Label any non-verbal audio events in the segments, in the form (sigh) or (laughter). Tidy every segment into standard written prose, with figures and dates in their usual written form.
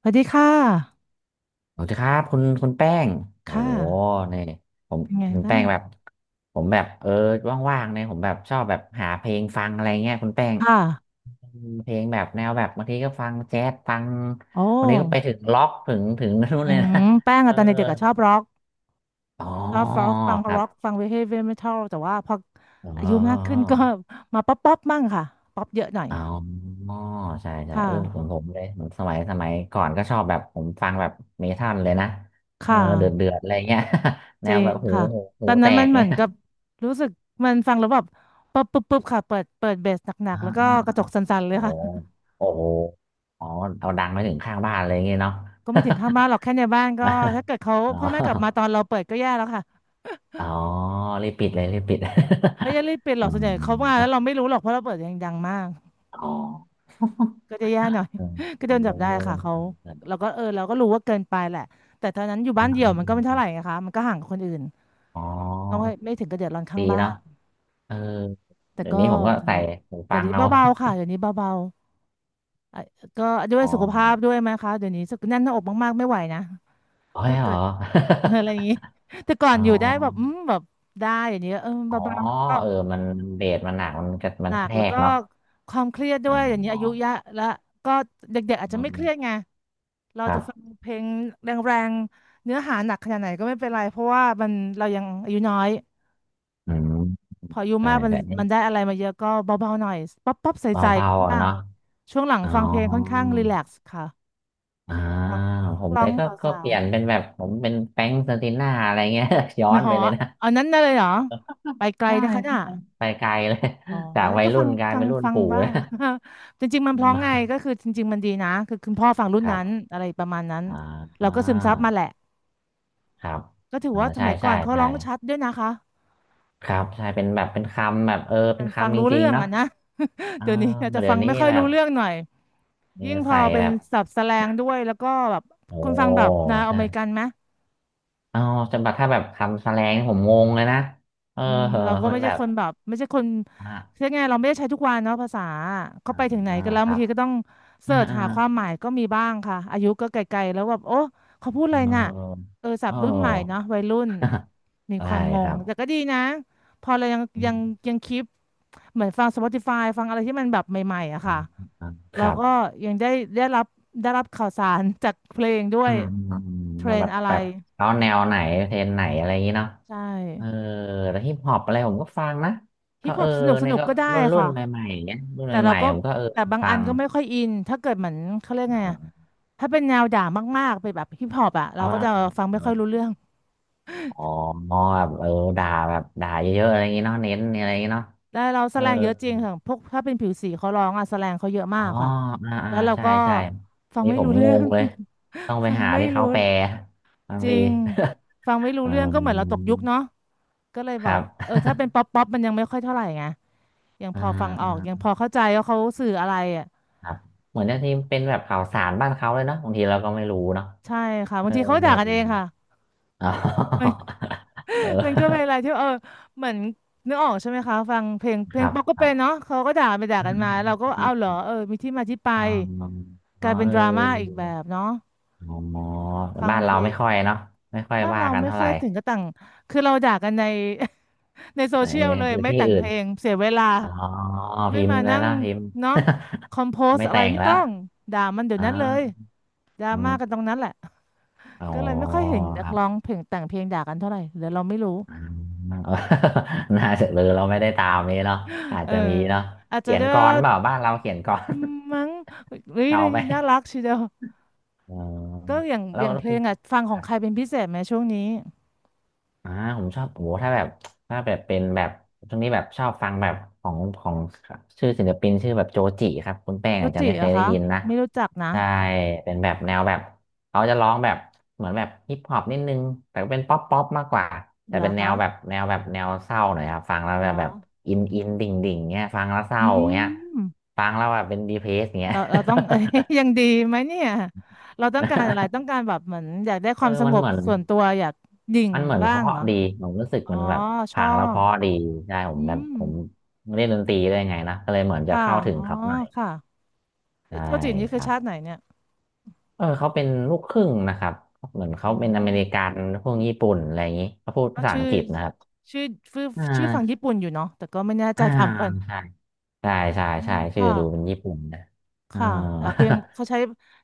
สวัสดีค่ะสวัสดีครับคุณแป้งโอ้ค่ะ โหเนี่ยผมเป็นไงถึงบ้าแป้งงแบบผมแบบว่างๆเนี่ยผมแบบชอบแบบหาเพลงฟังอะไรเงี้ยคุณแป้งค่ะเพลงแบบแนวแบบบางทีก็ฟังแจ๊สฟังโอ้วันนี้ก็ไปถึงล็อกถึงนู่นอืเลยนะมแป้งเอออะตอนเด็กๆอะชอบร็อกอ๋อฟังครัร็อกฟับงเฮฟวี่เมทัลแต่ว่าพออ๋อายุมากขึ้อนก็ (laughs) มาป๊อปป๊อปมั่งค่ะป๊อปเยอะหน่อย อ๋ออ๋อใช่ใช่ค่ะเออผมเลยผมสมัยก่อนก็ชอบแบบผมฟังแบบเมทัลเลยนะเออค่ะเดือดอะไรเงี้ย (laughs) จแนริวแบงบหูค่ะ หูหูตอนแตนั้นมักนเหมือเงี้ยนกับรู้สึกมันฟังแล้วแบบปึ๊บปึ๊บปึ๊บค่ะเปิดเบสหนักอ่า ๆแล้วก็กระจกสั่นๆเลโอ้ยค่ะ โอ้โหอ๋อเอาดังไปถึงข้างบ้านเลยอย่างเงี้ยเนาะ ก็ไม่ถึงข้างบ้านหรอกแค่ในบ้านก็ถ้า (laughs) เกิดเขาอ๋อพ่อแม่กลับมาตอนเราเปิดก็แย่แล้วค่ะ อ๋อรีบปิดเลยรีบปิด ไม่ได้เล่นเป็นห (laughs) รอือกส่วนใหญ่เขามาแล้วมเราไม่รู้หรอกเพราะเราเปิดยังดังมากอ๋อก็จะแย่หน่อย อืม (laughs) ก็โดนเอจัอบได้ค่ะเขาเออเราก็เออเราก็รู้ว่าเกินไปแหละแต่ตอนนั้นอยู่เอบ้านมเดี่ยวมัอนก็ไม่เท่าไหมร่นะคะมันก็ห่างกับคนอื่นอ๋อก็ไม่ถึงกับเดือดร้อนข้าดีงบ้าเนาะนเออแต่เดี๋ยวก็นี้ผมก็นั่นแหใส่ละหูแต่ฟังเดี๋ยวนี้เอาเบาๆค่ะเดี๋ยวนี้เบาๆอ่ะก็ด้วยอ๋อสุขภาพด้วยไหมคะเดี๋ยวนี้สึกแน่นหน้าอกมากๆไม่ไหวนะเฮ้ยถ้าเหรเกิอ ด (laughs) อะไรอย่างนี้แต่ก่อ (laughs) อ๋นอ อยู่ได้แบ (laughs) บแบบได้อย่างนี้เอออ๋อเบาๆก็ เออมันเบสมันหนักมันกระหมันนักกระแทแล้วกก็เนาะความเครียดด้อวยอย่างนี้๋ออายุเยอะแล้วก็เด็กๆอาจจะไม่เครียดไงเราครัจะฟังบเพลงแรงๆเนื้อหาหนักขนาดไหนก็ไม่เป็นไรเพราะว่ามันเรายังอายุน้อยอืมพออายุใช่มากใช่ มันได้อะไรมาเยอะก็เบาๆหน่อยป๊อปป๊อปเบาใสเบาๆอ่ะบ้างเนาะช่วงหลังอ๋อฟังเพลงค่อนข้างรีแลกซ์ค่ะอ่าฟังผนักมร้เลองยก็สาเปวลี่ยนเป็นแบบผมเป็นแฟรงค์เซอร์ติน่าอะไรเงี้ย (laughs) ย้ๆอไม่นหไปอเลยนะอันนั้นได้เลยเหรอไปไกลได้นะคะใช่น่ะ ไปไกลเลย อ๋อ (laughs) จากนั่นวัยก็รุ่ฟังนกลายเป็นรุ่นฟังปู่บ้าง นะ (laughs) จริงๆมันอืเพราะม (laughs) ไงก็คือจริงๆมันดีนะคือคุณพ่อฟังรุ่นครันั้บนอะไรประมาณนั้นอ่าอ่เราก็ซึมซับามาแหละครับก็ถืออ่าว่าสใช่มัยก่อใช่นเขาใช่ร้องชัดด้วยนะคะครับใช่เป็นแบบเป็นคำแบบเออมัเป็นนฟังคำจรู้ริงเรื่อๆงเนาะอ่ะนะ (laughs) เออเดี๋ยวนี้อาจจะเดี๋ฟัยงวนี้ไม่ค่อยแบรู้บเรื่องหน่อยเนี่ยิ่ยงพอใส่เป็แบนบศัพท์แสแลงด้วยแล้วก็แบบโอ้คุณฟังแบบแนวอใช่เมริกันไหม เอาจะแบบถ้าแบบคำแสลงผมงงเลยนะเอออืมเหอะเราก็มัไม่นใช่แบบคนแบบไม่ใช่คนอ่ะ เรียกไงเราไม่ได้ใช้ทุกวันเนาะภาษาอเขาไปถึงไหน่ากันแล้วคบารังบทีก็ต้องอ่าเสิร์ชอ่าหาความหมายก็มีบ้างค่ะอายุก็ไกลๆแล้วแบบโอ้เขาพูดเออะอไรน่ะเออศัเอพท์รุ่นใหม่เนาะอ วัยรุ่น (laughs) มีได้ความงคงรับแต่ก็ดีนะพอเราอืมยังคลิปเหมือนฟัง Spotify ฟังอะไรที่มันแบบใหม่ๆอะอืค่ะมอืมคเรารับก็ยังได้ได้รับได้รับข่าวสาร (laughs) จากเพลงด้วอืยมอืมอืมเทรแล้วนแบบอะไรแบบเอาแนวไหนเพลงไหนอะไรอย่างงี้เนาะใชเออ่แล้วฮิปฮอปอะไรผมก็ฟังนะฮิก็ปฮเอออปสนุกสเนี่ยนุกก็ก็ได้รุ่นค่ะ ใหม่ๆอย่างเงี้ยรุ่นแต่เราใหม่ก็ๆผมใช่ก็เออแต่บางฟัอันงก็ไม่ค่อยอินถ้าเกิดเหมือนเขาเรียกไงเออะอถ้าเป็นแนวด่ามากๆเป็นแบบฮิปฮอปอะเราอ๋ก็จะอฟังไม่ค่อยรู้เรื่องอ๋อแบบเออด่าแบบด่าเยอะๆอะไรอย่างงี้เนาะเน้นอะไรอย่างงี้เนาะแล้วเราแสเออ แลงเยอะจริงค่ะพวกถ้าเป็นผิวสีเขาร้องอะแสแลงเขาเยอะอ๋มาอกค่ะอ่าอ่าแล้วเราใช่ก็ใช่ฟังนี่ไม่ผมรู้งเรื่องง เลย ต้องไป (laughs) ฟังหาไม่ที่เขารู้แปลบางจริที งฟังไม่ (laughs) รู้อืเรื่องก็เหมือนเราตกยุคมเนาะก็เลยคแบรับบเออถ้าเป็นป๊อปป๊อปมันยังไม่ค่อยเท่าไหร่ไงยังพอ่าอฟังออกยังอ่าพอเข้าใจว่าเขาสื่ออะไรอะครับ เหมือนจะที่เป็นแบบข่าวสารบ้านเขาเลยเนาะบางทีเราก็ไม่รู้เนาะใช่ค่ะเอบาองทีเขาด่ากันเองค่ะ อ๋อ (laughs) (laughs) เออ (laughs) มันก็เป็นอะไรที่เออเหมือนนึกออกใช่ไหมคะฟังเพลงเพคลงรับป๊อปก็ครัเป็นบเนาะเขาก็ด่าไปด่าอืกันมาเราก็อเอาเหรอเออมีที่มาที่ไปกอ๋อลายเป็นเอดราม่าอีกแบอบเนาะอ๋อแต่ฟังบ้านเพเราลไม่งค่อยเนาะไม่ค่อยบ้านว่าเรากันไม่เท่าไหค่อร่ยถึงกับต่างคือเราด่ากันใน (laughs) ในโซแต่เชียลเลยไม่ที่แต่งอื่เพน ลงเสียเวลาอ๋อไม่พิมพ์มาเลยนั่งนะพิมพ์ เนาะคอมโพ (laughs) สไม่อะไรแต่งไม่ละต้องด่ามันเดี๋ยวอ๋อนั้นเลยดราอืม่ามกันตรงนั้นแหละอ๋อก็เลยไม่ค่อยเห็นนัคกรับร้องเพลงแต่งเพลงด่ากันเท่าไหร่หรือเราไม่รู้อืมเออ (laughs) น่าจะเลยเราไม่ได้ตามนี้เนาะอาจเออจะมีเนาะอาจจะเขียนด้วย กลอนเปล่าบ้านเราเขียนกลอน อืมมั้งเฮ้ (laughs) ยเก่าไปน่ารักทีเดียวอ๋อก็อย่างแล้วแล้เพวลคุณ งอ่ะฟังของใครเป็นพิเศษไหมช่วงนี้อ่าผมชอบโอ้โหถ้าแบบถ้าแบบเป็นแบบช่วงนี้แบบชอบฟังแบบของชื่อศิลปินชื่อแบบโจจิครับคุณแป้งโรอาจจะจิไม่เหเครอยได้คะยินนะไม่รู้จักนะใช่เป็นแบบแนวแบบเขาจะร้องแบบเหมือนแบบฮิปฮอปนิดนึงแต่ก็เป็นป๊อปป๊อปมากกว่าแต่เหรอเป็นแนวคะแบบแนวแบบแนวเศร้าหน่อยครับฟังแล้วเหรแบอบแบบอินอินดิ่งดิ่งเงี้ยฟังแล้วเศอืร้าเงี้ยมฟังแล้วแบบเป็นดีเพรสเงี้ย เราต้อง (laughs) เอ้ยยังดีไหมเนี่ยเราต้องการอะไรต้อง (laughs) การแบบเหมือนอยากได้คเอวาอมสมังนบเหมือน ส่วนตัวอยากดิ่งมันเหมือนบ้าเพงราะเหรอดีผมรู้สึกอ๋อเหมันแบบชผัองแล้วเพบราะดีใช่ผอืมแบบมผมเล่นดนตรีได้วยไงนะก็เลยเหมือนจะค่ะเข้าถึงอ๋อเขาหน่อยค่ะเอ้ใช่ยโรจินี่คคือรับชาติไหนเนี่ยเออเขาเป็นลูกครึ่งนะครับเหมือนอ๋เขาอเป็นอเมริกันพวกญี่ปุ่นอะไรอย่างนี้เขาพูดก็ภาษาอังกฤษนะครับชื่อชื่ออ่ชื่อฝั่งญี่าปุ่นอยู่เนาะแต่ก็ไม่แน่ใจอ่าถามก่อน ใช่ใช่ใช่อืใช่มชื่อค่ะดูเป็นญี่ปุ่นนะอ่า ค่ะเพลงเขาใช้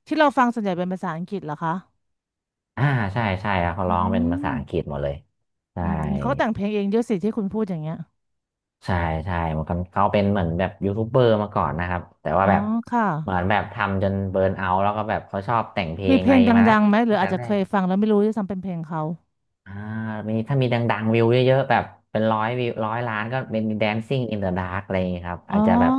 ที่เราฟังส่วนใหญ่เป็นภาษาอังกฤษเหรอคะ (laughs) อ่าใช่ใช่ครับเขาอืร้องเป็นภามษาอังกฤษหมดเลยใช่ อืมเขาแต่งเพลงเองด้วยสิที่คุณพูดอย่างเงี้ยใช่ใช่เหมือนกันเขาเป็นเหมือนแบบยูทูบเบอร์มาก่อนนะครับแต่ว่าอ๋อแบบค่ะเหมือนแบบทำจนเบิร์นเอาท์แล้วก็แบบเขาชอบแต่งเพลมีงเพอะลไรงดมาัละงๆไหมหรืตั้องอาแต่จจะแรเคยกฟังแล้วไม่รู้ด้วยซ้ำเป็นเพลงเขาอ่ามีถ้ามีดังๆวิวเยอะๆแบบเป็นร้อยวิวร้อยล้านก็เป็น Dancing in the Dark อะไรอย่างเงี้ยครับอ๋ออาจจะแบบ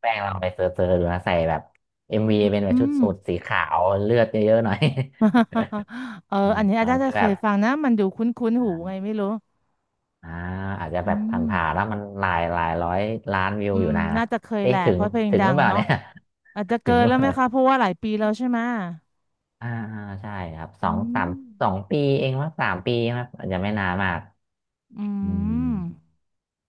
แป้งลองไปเซิร์ชๆดูนะใส่แบบเอ็มวีเป็นแบอืบชุดม สูทสีขาวเลือดเยอะๆหน่อย (laughs) เออ (laughs) อือัมนนี้ตอาอจนจะที่แบเคยบฟังนะมันดูคุ้นๆหูไงอ่าไม่รู้อ่าอาจจะอืแบบผ่านๆมแล้วมันหลายหลายร้อยล้านวิวอือยู่มนะน่าจะเคยแหเอ๊ะละถึเพงราะเพลงถึงดัหรืองเปล่าเนาะเนี่ย อาจจะถึเกิงนนแล้วไหมดคะเพราะว่าหลายปีแล้วใช่ไหมอ่าอ่าใช่ครับสออืงสามสองมปีเองว่าสามปีครับอาจจะไม่นานมากอือืมม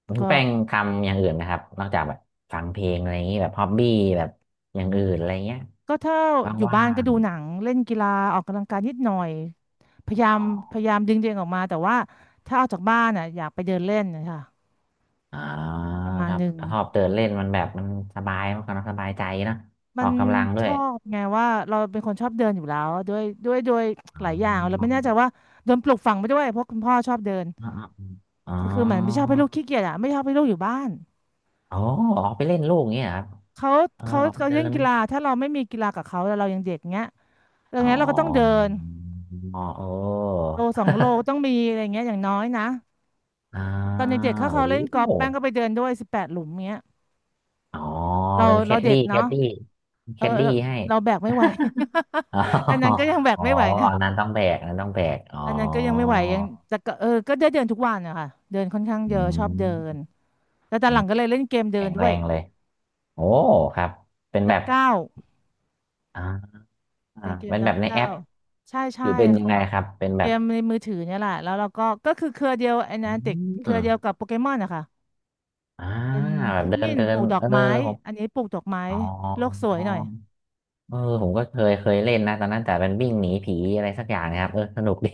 คุณก็ แป้งทำอย่างอื่นนะครับนอกจากแบบฟังเพลงอะไรอย่างนี้แบบฮอบบี้แบบอย่างอื่นอะไรเงี้ยก็ถ้าวอยู่่าบ้านก็งดูหนังเล่นกีฬาออกกำลังกายนิดหน่อยพยายาอ๋มพอยายามดึงตัวเองออกมาแต่ว่าถ้าออกจากบ้านอ่ะอยากไปเดินเล่นนะคะๆอ่าประมาคณรัหบนึ่งชอบเดินเล่นมันแบบมันสบายมันก็สบายใจนะมัออนกกำลังด้ชวยอบไงว่าเราเป็นคนชอบเดินอยู่แล้วด้วยอ๋หลายอย่างเราไม่อแน่ใจว่าโดนปลูกฝังไปด้วยเพราะคุณพ่อชอบเดินอ๋ออ๋ออ๋อก็คือเหมือนไม่ชอบให้ลูกขี้เกียจอ่ะไม่ชอบให้ลูกอยู่บ้านอ๋อออกไปเล่นลูกอย่างเงี้ยเหรอครับเขาเออเขาออกไปเขาเดิเล่นกีน ฬาถ้าเราไม่มีกีฬากับเขาแล้วเรายังเด็กเงี้ยอย่าอ๋งอเงี้ยเราก็ต้องเดินอ๋อเออโลสองโลต้องมีอะไรเงี้ยอย่างน้อยนะ อ่าตอนเด็กๆเขาโอ้เล่นกอล์โหฟแป้งก็ไปเดินด้วย18 หลุมเงี้ยอ๋อเราเป็นแคเราดเด็ดี้กแคเนาะดดี้เอแคอดดี้เราืให้ เราแบกไม่ไหว (laughs) อ๋อ (laughs) อันนั้นก็ยังแบกอ๋อไม่ไหวนะอันนั้นต้องแบกอันนั้นต้องแบกอ๋ออันนั้นก็ยังไม่ไหวยังแต่ก็เออก็ได้เดินทุกวันนะคะเดินค่อนข้างเยอือะชอบเดินมแต่ตอนหลังก็เลยเล่นเกมเดิแข็นงด้แรวยงเลยโอ้ครับเป็นนัแบบบเก้าวอ่าอ่าเป็นเกมเป็นนัแบบบในแอเก้าปวใช่หใช่รือเป็นยังค่ะไงครับเป็นแบเกบมในมือถือเนี่ยแหละแล้วเราก็ก็คือเครือเดียวไอ้อืนันติกเครือเดียวกัมบโปเกมอนนะคะอ่าเป็นแบบพิกเดิมินนเดิปนลูกดอเอกอไม้ผมอันนี้ปลูกดอกไม้อ๋อ โลกสวยหน่อย เออผมก็เคยเล่นนะตอนนั้นแต่เป็นวิ่งหนีผีอะไรสักอย่างนะครับเออสนุกดี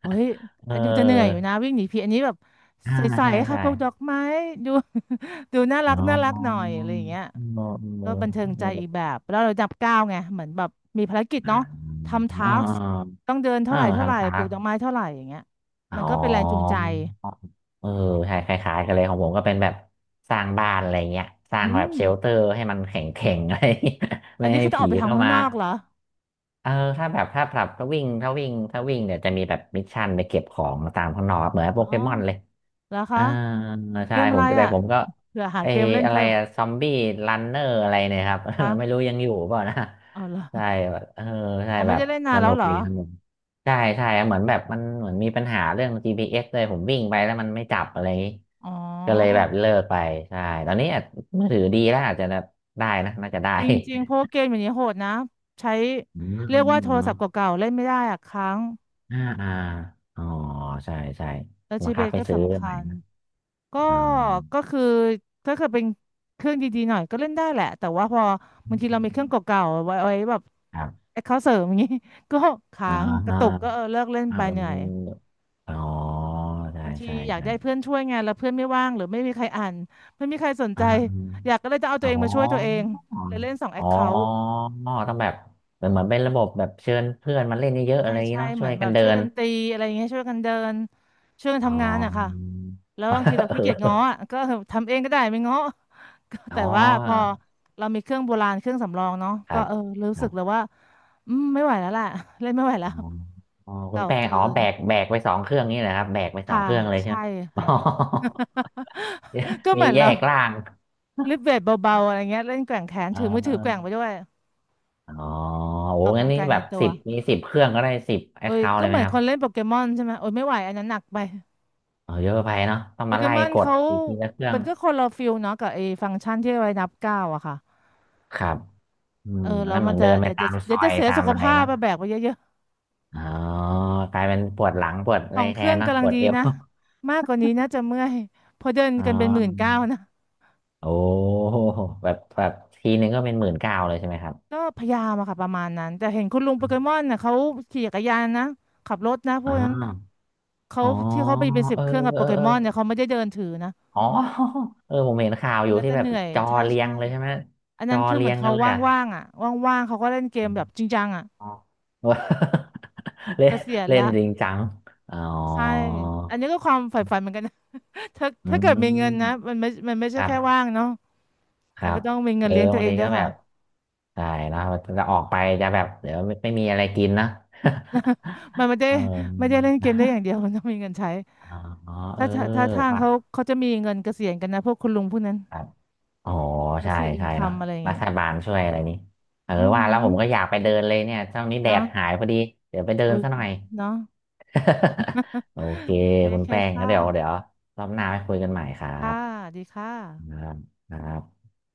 โอ้ย (laughs) เออดูจะเหนื่อยอยู่นะวิ่งหนีผีอันนี้แบบอ่าใสใช่ๆค่ะใช่พวกดอกไม้ดู (laughs) ดูน่ารัอ๋อกน่ารักหน่อยเออะอไรอย่างเงี้ยเอก็อบันเทิงเอใจอีกอแบบแล้วเราจับก้าวไงเหมือนแบบมีภารกิจเนาะทำเอทาสอต้องเดินเอเท่าอไหร่เท่าไหร่ทำตาปลูกกดอกไม้เท่าไหร่อย่างเงี้ยอ๋มันก็เป็นแรงจูงอใจเออใช่คล้ายๆกันเลยของผมก็เป็นแบบสร้างบ้านอะไรเงี้ยสร้าอืงแบบมเชลเตอร์ให้มันแข็งแข็งอะไรเงี้ย (laughs) อัไม่นนี้ให้คือจะอผีอกไปเข้าทำข้างมานอกเหรอเออถ้าแบบถ้าแบบถ้าวิ่งเดี๋ยวจะมีแบบมิชชั่นไปเก็บของตามข้างนอกครับเหมือนโปอ๋อเกมอนเลย แล้วคะอ่าเกใช่มผอะไรมก็แต่อ่ะผมก็เผื่อหาเออเกมเล่นอะไรเพิ่มซอมบี้รันเนอร์อะไรเนี่ยครับ คะ (laughs) ไม่รู้ยังอยู่เปล่านะเอาเหรอใช่แบบเออใช่เอาไม่แบได้บเล่นนาสนแล้นุวกเหรอดีสนุกใช่ใช่เหมือนแบบเหมือนมีปัญหาเรื่อง GPS เอสเลยผมวิ่งไปแล้วมันไม่จับอะไรอย่างงี้อ๋อ ก็เลยแบบเลิกไปใช่ตอนนี้อาจมือถือดีแล้วอาจจะได้นะน่าจะได้จริงๆเพราะว่าเกมอย่างนี้โหดนะใช้อืมเรียกว่าโทรศัพท์เก่าๆเล่นไม่ได้อะค้างอ่าอ๋อใช่ใช่แล้วบัจีงเบคับสไปก็ซื้อสำใหคัม่ญนะก็อ๋อก็คือถ้าเกิดเป็นเครื่องดีๆหน่อยก็เล่นได้แหละแต่ว่าพออืบางมทีเรามีเครื่องเก่าๆไว้แบบครับแอคเคาเสริมอย่างนี้ (laughs) ก็อ๋ค้าอ งกระตุกก็เออเลิกเล่นเออไปเหนื่อยอ๋อใช่บางทีอยากได้เพื่อนช่วยงานแล้วเพื่อนไม่ว่างหรือไม่มีใครอ่านไม่มีใครสนใจอ่าอมอยากก็เลยจะเอาตัอ๋วอเองมาช่วยตัวเองเลยเล่นสองแออ๋อคเคาท์ ต้องแบบเหมือนเป็นระบบแบบเชิญเพื่อนมาเล่นเยอะๆอะใช่ไรอย่างนี้ใช่เนาะเหช่มืวอยนแบกับนเดิช่วยนกันตีอะไรอย่างเงี้ยช่วยกันเดินช่วยกันอ๋อ ทำงานอะค่ะแล้วบางทีเรา (laughs) เขี้เกียจง้ออออะก็ทำเองก็ได้ไม่ง้อ (laughs) ก็อ๋แต่ว่าพออเรามีเครื่องโบราณเครื่องสำรองเนาะครัก็บเออครู้รัสึกบเลยว่าอืมไม่ไหวแล้วแหละ (laughs) เล่นไม่ไหวแล้อ๋อวอ๋อคุณเก่าแป้งเกิอ๋อนแบกไปสองเครื่องนี่แหละครับแบกไปสอค่ะงเครื่องเลยใช่ใช่ไหม (laughs) อ๋ค่ะ อ (laughs) ก็เหมีมือนแยเรากล่าวง าลิฟเวทเบาๆอะไรเงี้ยเล่นแกว่งแขน (laughs) อ่ถือมือถือแกว่งาไปด้วยอ๋อโอ้ออกกำงั้นลังนี่กายแบในบตัวสิบมีสิบเครื่องก็ได้สิบแอโอ้คยเคาท์ก็เลยเหไหมมือนครัคบ นเล่นโปเกมอนใช่ไหมโอ้ยไม่ไหวอันนั้นหนักไป อออเยอะไปเนาะต้องโปมาเกไล่มอนกดเขาอีกทีละเครื่อมังนก็คนละฟิลเนาะกับไอ้ฟังก์ชันที่ไว้นับก้าวอะค่ะครับอืเอมออันแล้วนั้นเหมัมืนอนจะเดินไปเดี๋ยวตาจะมซเดี๋ยวอจะยเสียตาสุมขอะไรภาพนะไปแบกไปเยอะอ๋อกลายเป็นปวดหลังปวดๆขอะอไรงเคแทรื่อนงเนอะกำปลังวดดีเอว นะ (laughs) มากกว่านี้น่าจะเมื่อยเพอเดินอ๋กันเป็น19,000อนะโอ้แบบทีนึงก็เป็นหมื่นเก้าเลยใช่ไหมครับก็พยายามอะค่ะประมาณนั้นแต่เห็นคุณลุงโปเกมอนน่ะเขาขี่จักรยานนะขับรถนะพอ๋วอกนั้นเขาอ๋อที่เขาไปเป็นสิบเออเครื่องกับโปเกเออมอนเนี่ยเขาไม่ได้เดินถือนะอ๋อ (laughs) เออผมเห็นข่าวอัอนยู่นั้นที่จะแบเหบนื่อยจอใช่เรียใช่งเลยใช่ไหมอันจนั้อนคือเรีเหมือยนงกัเขานเลยอ่ะว่างๆอ่ะว่างๆเขาก็เล่นเกอมแบมบจริงจังอ่ะอ๋อ (laughs) เล่เกนษียณเล่นละ จริงจังอ๋อ ใช่ อันนี้ก็ความใฝ่ฝันเหมือนกันนะ (laughs) ถ้าอืถ้าเกิดมีม เงินนะมันไม่มันไม่คใช่รับแค่ว่างเนาะคมัรันก็บต้องมีเงิเอนอเลี้ยงตัวบางเองทีด้วก็ยแบค่ะ บ ใช่เนอะจะออกไปจะแบบเดี๋ยวไม่มีอะไรกินนะ (laughs) มันไม่ (laughs) ได้เออไม่ได้เล่นเกมได้อย่างเดียวมันต้องมีเงินใช้อ๋อเออถ้าถ้าทางว่าเขาเขาจะมีเงินเกษียณกันนะพวกคุณลุงพวกนั้น ครับอ๋อใช่ passive ใช่เนาะ income อะไรอย่างรัเงี้ยฐบาลช่วยอะไรนี้เออ อือว่าหืแล้วอผมก็อยากไปเดินเลยเนี่ยช่วงนี้แดเนาะดหายพอดี เดี๋ยวไปเดิโอ้นยซะหน่อย เนาะ (laughs) โอเค โอคุณเคแป้งงั้ค่ะนเดี๋ยวรอบหน้าไปคุยกันใหม่ครัค่ะ บดีค่ะครับครับ